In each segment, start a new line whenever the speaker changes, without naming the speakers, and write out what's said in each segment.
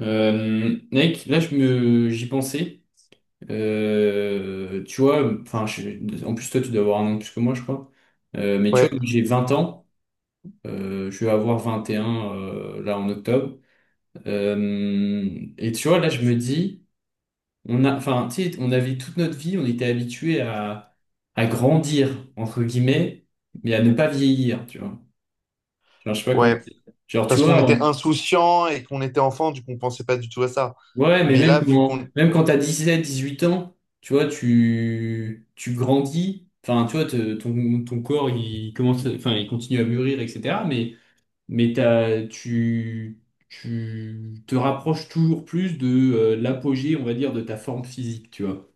Mec, là je me j'y pensais. Tu vois, enfin, en plus toi tu dois avoir un an de plus que moi, je crois. Mais tu
Ouais,
vois, j'ai 20 ans. Je vais avoir 21 là en octobre. Et tu vois, là je me dis, on a, enfin, tu sais, on avait toute notre vie, on était habitué à grandir entre guillemets, mais à ne pas vieillir, tu vois. Genre, je sais pas comment
ouais.
dire. Genre, tu
Parce qu'on
vois,
était insouciant et qu'on était enfant, du coup, on pensait pas du tout à ça.
ouais, mais
Mais là,
même
vu
quand,
qu'on...
même quand t'as 17, 18 ans, tu vois, tu grandis, enfin, tu vois, ton corps, il commence, enfin, il continue à mûrir, etc. Mais tu te rapproches toujours plus de l'apogée, on va dire, de ta forme physique, tu vois.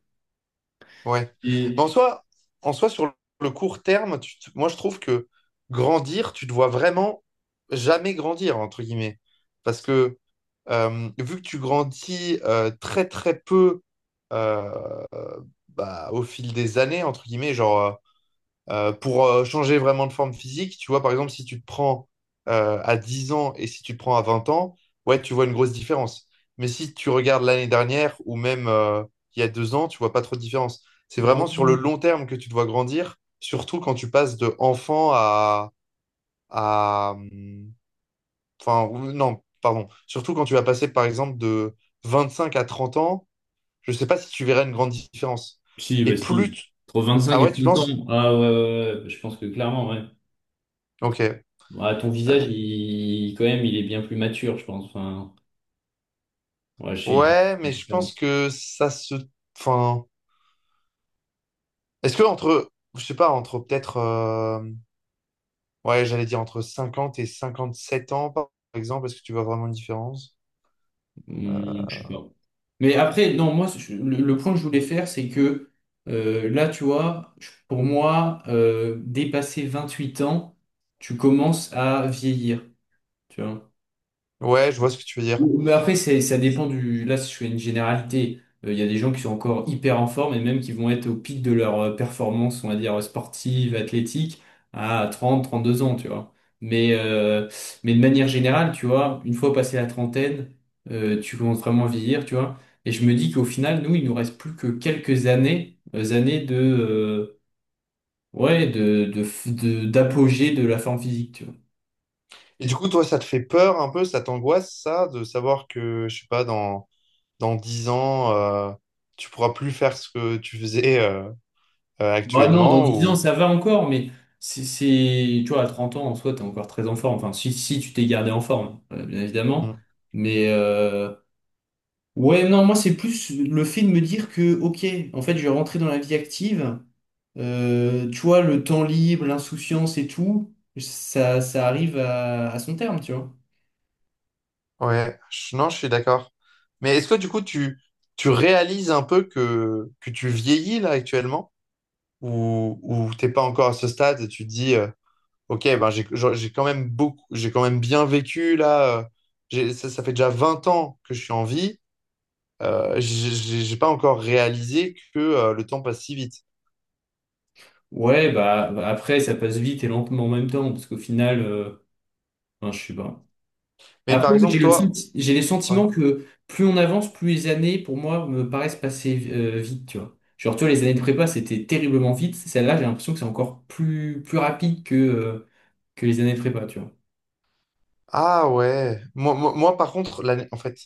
Ouais. Mais
Et,
en soi, sur le court terme, moi, je trouve que grandir, tu te vois vraiment jamais grandir, entre guillemets. Parce que vu que tu grandis très, très peu euh, bah, au fil des années, entre guillemets, genre... pour changer vraiment de forme physique, tu vois, par exemple, si tu te prends à 10 ans et si tu te prends à 20 ans, ouais, tu vois une grosse différence. Mais si tu regardes l'année dernière ou même il y a 2 ans, tu vois pas trop de différence. C'est
Oh,
vraiment sur le
non.
long terme que tu te vois grandir, surtout quand tu passes de enfant à. Enfin, non, pardon. Surtout quand tu vas passer, par exemple, de 25 à 30 ans, je sais pas si tu verras une grande différence.
Si,
Et
bah
plus...
si, entre vingt-cinq
Ah
et
ouais, tu
30
penses?
ans, ah ouais, ouais, ouais, ouais, je pense que clairement, ouais.
Ok.
Ouais, ton visage,
euh,
il, quand même, il est bien plus mature, je pense, enfin, ouais, je sais, il
Ouais,
est
mais je
différent.
pense que ça se... Enfin, est-ce que entre, je sais pas, entre peut-être, ouais, j'allais dire entre 50 et 57 ans, par exemple, est-ce que tu vois vraiment une différence?
Je sais pas. Mais après, non, moi, le point que je voulais faire, c'est que là, tu vois, pour moi, dépasser 8 ans, tu commences à vieillir. Tu vois.
Ouais, je vois ce que tu veux dire.
Mais après, ça dépend du. Là, si je fais une généralité. Il y a des gens qui sont encore hyper en forme et même qui vont être au pic de leur performance, on va dire, sportive, athlétique, à 30, 32 ans, tu vois. Mais, euh, mais de manière générale, tu vois, une fois passé la trentaine, tu commences vraiment à vieillir, tu vois. Et je me dis qu'au final, nous, il nous reste plus que quelques années de, ouais, de, f- de- d'apogée de la forme physique, tu vois.
Et du coup, toi, ça te fait peur un peu, ça t'angoisse, ça, de savoir que, je sais pas, dans 10 ans, tu pourras plus faire ce que tu faisais
Bah non, dans
actuellement
10 ans,
ou...
ça va encore, mais tu vois, à 30 ans, en soi, t'es encore très en forme. Enfin, si tu t'es gardé en forme, bien évidemment.
Hmm.
Mais ouais, non, moi, c'est plus le fait de me dire que, ok, en fait, je vais rentrer dans la vie active. Tu vois, le temps libre, l'insouciance et tout, ça arrive à son terme, tu vois.
Ouais, non, je suis d'accord. Mais est-ce que du coup, tu réalises un peu que, tu vieillis là actuellement? Où t'es pas encore à ce stade et tu te dis, ok, ben j'ai quand même beaucoup, j'ai quand même bien vécu là. Ça fait déjà 20 ans que je suis en vie. J'ai pas encore réalisé que le temps passe si vite.
Ouais, bah bah, après, ça passe vite et lentement en même temps, parce qu'au final, enfin, je sais pas.
Mais
Après,
par
oui,
exemple, toi,
j'ai le
ouais.
sentiment que plus on avance, plus les années, pour moi, me paraissent passer vite, tu vois. Genre, tu vois, les années de prépa, c'était terriblement vite. Celle-là, j'ai l'impression que c'est encore plus, plus rapide que les années de prépa, tu vois.
Ah ouais. Moi, par contre, l'année, en fait,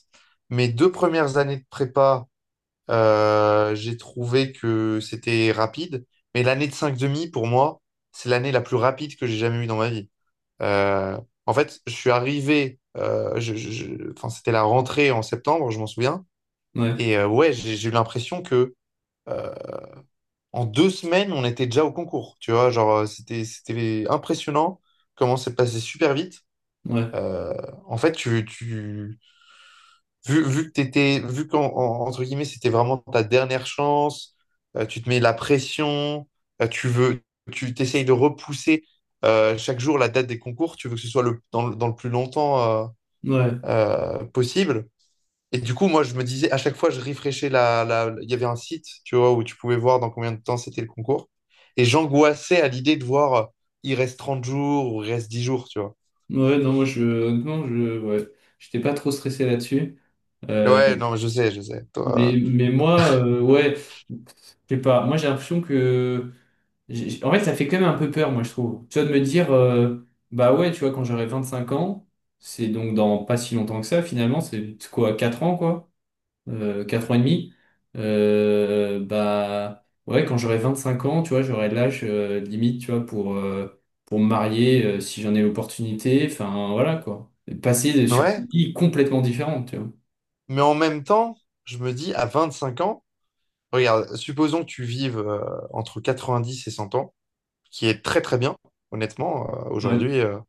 mes 2 premières années de prépa, j'ai trouvé que c'était rapide. Mais l'année de cinq demi pour moi, c'est l'année la plus rapide que j'ai jamais eue dans ma vie. Euh, en fait, je suis arrivé, enfin, c'était la rentrée en septembre, je m'en souviens.
Ouais,
Et ouais, j'ai eu l'impression que euh, en 2 semaines, on était déjà au concours. Tu vois, genre, c'était impressionnant comment c'est passé super vite.
ouais,
Euh, en fait, tu, vu, Vu que t'étais, vu qu'en, entre guillemets, c'était vraiment ta dernière chance, tu te mets la pression, euh, tu veux, tu t'essayes de repousser chaque jour la date des concours, tu veux que ce soit le, dans, le dans le plus longtemps. euh,
ouais,
euh, possible. Et du coup, moi, je me disais, à chaque fois, je rafraîchissais Il y avait un site, tu vois, où tu pouvais voir dans combien de temps c'était le concours. Et j'angoissais à l'idée de voir, il reste 30 jours ou il reste 10 jours, tu vois.
ouais, non, moi, je, honnêtement, je, ouais, j'étais pas trop stressé là-dessus. Euh,
Ouais, non, mais je sais, je sais.
Mais,
Toi,
mais moi, ouais, je sais pas, moi, j'ai l'impression que. En fait, ça fait quand même un peu peur, moi, je trouve. Tu vois, de me dire, bah ouais, tu vois, quand j'aurai 25 ans, c'est donc dans pas si longtemps que ça, finalement, c'est quoi, 4 ans, quoi, 4 ans et demi. Bah ouais, quand j'aurai 25 ans, tu vois, j'aurai l'âge limite, tu vois, pour me marier si j'en ai l'opportunité. Enfin, voilà, quoi. Passer sur une
ouais.
vie complètement différente, tu vois.
Mais en même temps, je me dis, à 25 ans, regarde, supposons que tu vives entre 10 et 100 ans, qui est très, très bien, honnêtement, euh,
Ouais.
aujourd'hui. euh,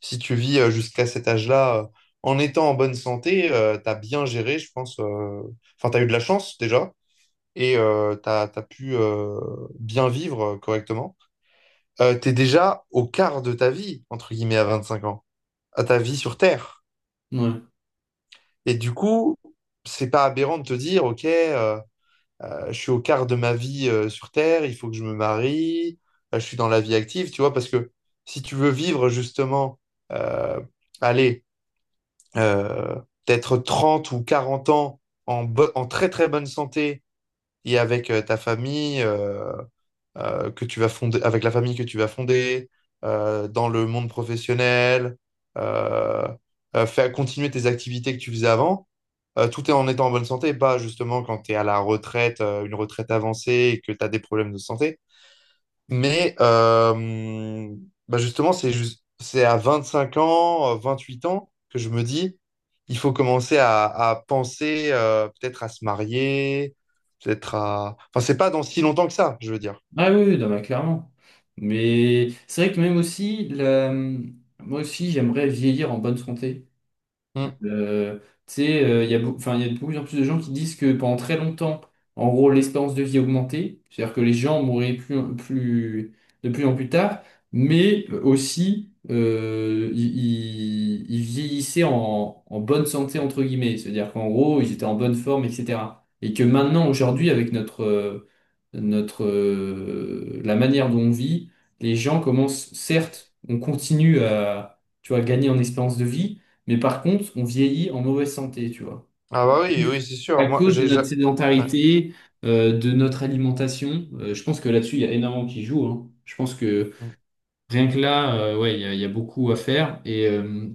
Si tu vis jusqu'à cet âge-là, en étant en bonne santé, t'as bien géré, je pense. Enfin, t'as eu de la chance déjà et t'as pu bien vivre correctement. T'es déjà au quart de ta vie, entre guillemets, à 25 ans, à ta vie sur Terre.
Ouais.
Et du coup, c'est pas aberrant de te dire, OK, je suis au quart de ma vie sur Terre, il faut que je me marie, je suis dans la vie active, tu vois, parce que si tu veux vivre justement, euh, allez, euh, d'être 30 ou 40 ans en très très bonne santé et avec ta famille que tu vas fonder, avec la famille que tu vas fonder, dans le monde professionnel, euh, faire continuer tes activités que tu faisais avant, tout est en étant en bonne santé, pas justement quand tu es à la retraite, une retraite avancée et que tu as des problèmes de santé. Mais bah justement, c'est juste c'est à 25 ans, 8 ans que je me dis, il faut commencer à, penser peut-être à se marier, peut-être à... Enfin, c'est pas dans si longtemps que ça, je veux dire.
Ah oui, oui, non, mais clairement. Mais c'est vrai que même aussi, moi aussi, j'aimerais vieillir en bonne santé.
Mm.
Euh, tu sais, il y a, enfin, il y a de plus en plus de gens qui disent que pendant très longtemps, en gros, l'espérance de vie augmentait, c'est-à-dire que les gens mouraient de plus en plus tard, mais aussi ils vieillissaient en bonne santé, entre guillemets, c'est-à-dire qu'en gros, ils étaient en bonne forme, etc. Et que maintenant, aujourd'hui, avec la manière dont on vit, les gens commencent, certes, on continue à, tu vois, gagner en espérance de vie, mais par contre, on vieillit en mauvaise santé, tu vois.
Ah bah oui, oui, c'est
À
sûr. Moi,
cause de notre
ouais.
sédentarité, de notre alimentation, je pense que là-dessus, il y a énormément qui joue, hein. Je pense que
Mm.
rien que là, ouais, il y a beaucoup à faire. Et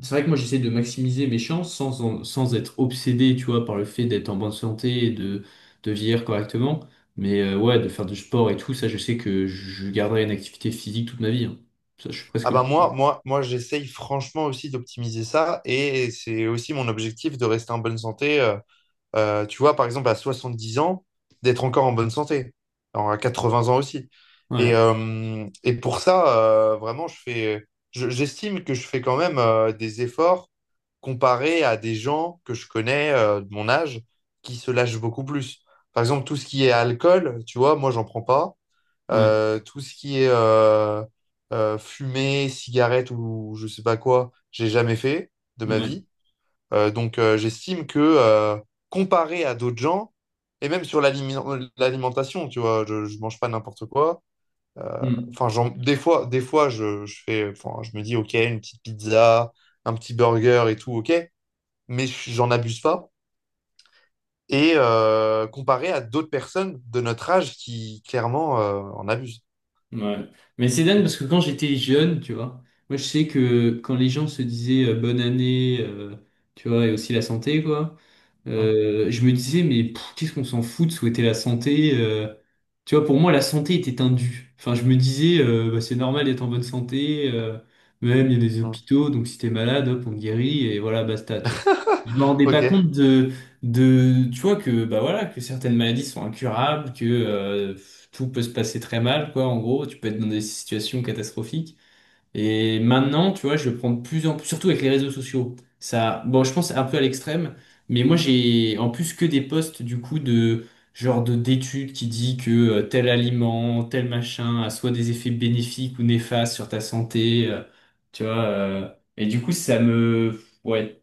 c'est vrai que moi, j'essaie de maximiser mes chances sans être obsédé, tu vois, par le fait d'être en bonne santé et de vieillir correctement. Mais ouais, de faire du sport et tout, ça, je sais que je garderai une activité physique toute ma vie, hein. Ça, je suis
Ah
presque
bah
sûr.
moi, j'essaye franchement aussi d'optimiser ça et c'est aussi mon objectif de rester en bonne santé tu vois, par exemple, à 70 ans, d'être encore en bonne santé, alors, à 80 ans aussi. Et,
Ouais,
euh, et pour ça, vraiment, j'estime que je fais quand même des efforts comparé à des gens que je connais de mon âge qui se lâchent beaucoup plus. Par exemple, tout ce qui est alcool, tu vois, moi, j'en prends pas.
ouais,
Tout ce qui est fumée, cigarette ou je sais pas quoi, j'ai jamais fait de
ouais.
ma
Ouais.
vie. Donc, j'estime que comparé à d'autres gens, et même sur l'alimentation, tu vois, je mange pas n'importe quoi.
Hmm.
Enfin, des fois, enfin, je me dis, ok, une petite pizza, un petit burger et tout, ok, mais j'en abuse pas. Et comparé à d'autres personnes de notre âge qui clairement en abusent.
Ouais. Mais c'est dingue parce que quand j'étais jeune, tu vois, moi je sais que quand les gens se disaient bonne année, tu vois, et aussi la santé, quoi,
Hum,
je me disais, mais pff, qu'est-ce qu'on s'en fout de souhaiter la santé? Tu vois, pour moi, la santé était un dû. Enfin, je me disais, bah, c'est normal d'être en bonne santé. Même, il y a des
hum.
hôpitaux, donc si t'es malade, hop, on te guérit, et voilà, basta, tu vois. Je me rendais pas
Ok.
compte de, tu vois, que, bah voilà, que certaines maladies sont incurables, que tout peut se passer très mal, quoi, en gros. Tu peux être dans des situations catastrophiques. Et maintenant, tu vois, je le prends de plus en plus, surtout avec les réseaux sociaux. Ça, bon, je pense un peu à l'extrême, mais moi j'ai en plus que des posts du coup de genre de d'études qui dit que tel aliment, tel machin a soit des effets bénéfiques ou néfastes sur ta santé, tu vois. Et du coup, ouais,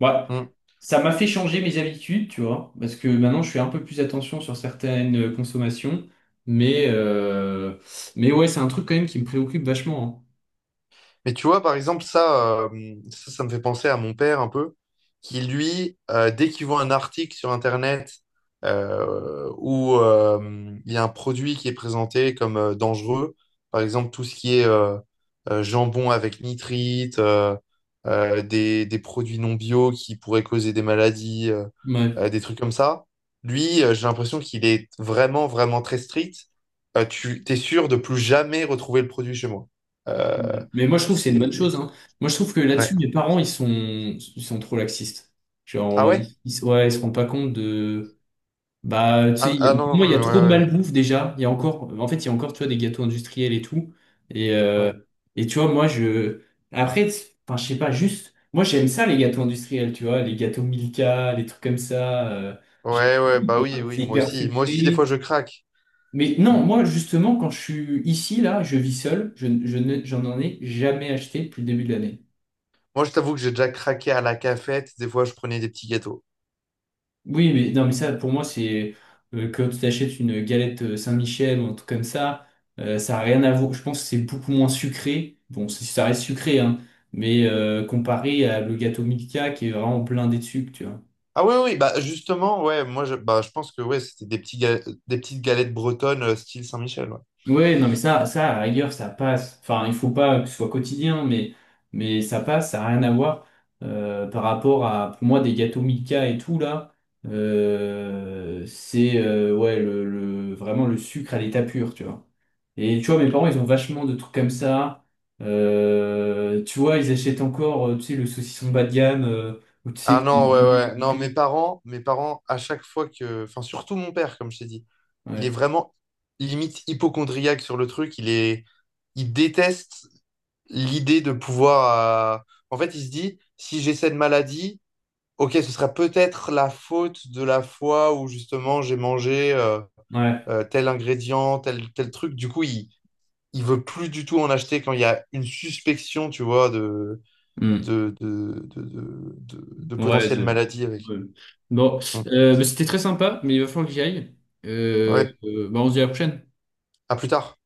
ouais,
Hum.
ça m'a fait changer mes habitudes, tu vois, parce que maintenant je fais un peu plus attention sur certaines consommations, mais euh, mais ouais, c'est un truc quand même qui me préoccupe vachement, hein.
Mais tu vois, par exemple, ça me fait penser à mon père un peu, qui lui, dès qu'il voit un article sur Internet où il y a un produit qui est présenté comme dangereux, par exemple tout ce qui est jambon avec nitrite, des produits non bio qui pourraient causer des maladies,
Ouais.
des trucs comme ça, lui, j'ai l'impression qu'il est vraiment, vraiment très strict. Tu t'es sûr de plus jamais retrouver le produit chez moi.
Ouais.
Euh,
Mais moi, je trouve que c'est une
c'est...
bonne chose, hein. Moi, je trouve que
Ouais.
là-dessus, mes parents, ils sont trop laxistes. Genre,
Ah ouais?
ouais, ils se rendent pas compte de. Bah, tu sais,
Ah, ah
pour
non,
moi, il y a
non,
trop de
ouais,
malbouffe déjà. Il y a encore, en fait, il y a encore, tu vois, des gâteaux industriels et tout. Et,
ouais, ouais.
euh, et tu vois, moi, je. Après, enfin, je sais pas, juste. Moi, j'aime ça, les gâteaux industriels, tu vois, les gâteaux Milka, les trucs comme ça.
Ouais, ouais, bah oui,
J'aime-
oui,
C'est
moi
hyper
aussi. Moi aussi, des fois,
sucré.
je craque.
Mais
Mm.
non, moi justement, quand je suis ici, là, je vis seul, je ne- j'en en ai jamais acheté depuis le début de l'année.
Moi, je t'avoue que j'ai déjà craqué à la cafette. Des fois, je prenais des petits gâteaux.
Oui, mais non, mais ça, pour moi, c'est quand tu t'achètes une galette Saint-Michel ou un truc comme ça, ça n'a rien à voir. Je pense que c'est beaucoup moins sucré. Bon, ça reste sucré, hein, mais comparé à le gâteau Milka qui est vraiment plein de sucre, tu vois.
Ah oui, oui, oui, bah justement, ouais, moi, bah, je pense que ouais, c'était des petites galettes bretonnes style Saint-Michel, ouais.
Ouais, non, mais ça, à la rigueur, ça passe. Enfin, il faut pas que ce soit quotidien, mais ça passe, ça n'a rien à voir par rapport à, pour moi, des gâteaux Milka et tout, là. C'est ouais, vraiment le sucre à l'état pur, tu vois. Et tu vois, mes parents, ils ont vachement de trucs comme ça. Tu vois, ils achètent encore, tu sais, le saucisson bas de gamme, ou tu
Ah
sais, qui est
non, ouais,
blindé
ouais.
de
Non,
prix.
mes parents, à chaque fois que... Enfin, surtout mon père, comme je t'ai dit. Il est
Ouais.
vraiment limite hypocondriaque sur le truc. Il est... Il déteste l'idée de pouvoir. En fait, il se dit, si j'ai cette maladie, ok, ce sera peut-être la faute de la fois où justement j'ai mangé
Ouais.
tel ingrédient, tel truc. Du coup, il veut plus du tout en acheter quand il y a une suspicion, tu vois, de, de, de, de, de
Ouais,
potentielle maladie avec.
ouais. Bon,
Mm.
bah, c'était très sympa, mais il va falloir que j'y aille. Euh,
Ouais,
euh, bah, on se dit à la prochaine.
à plus tard.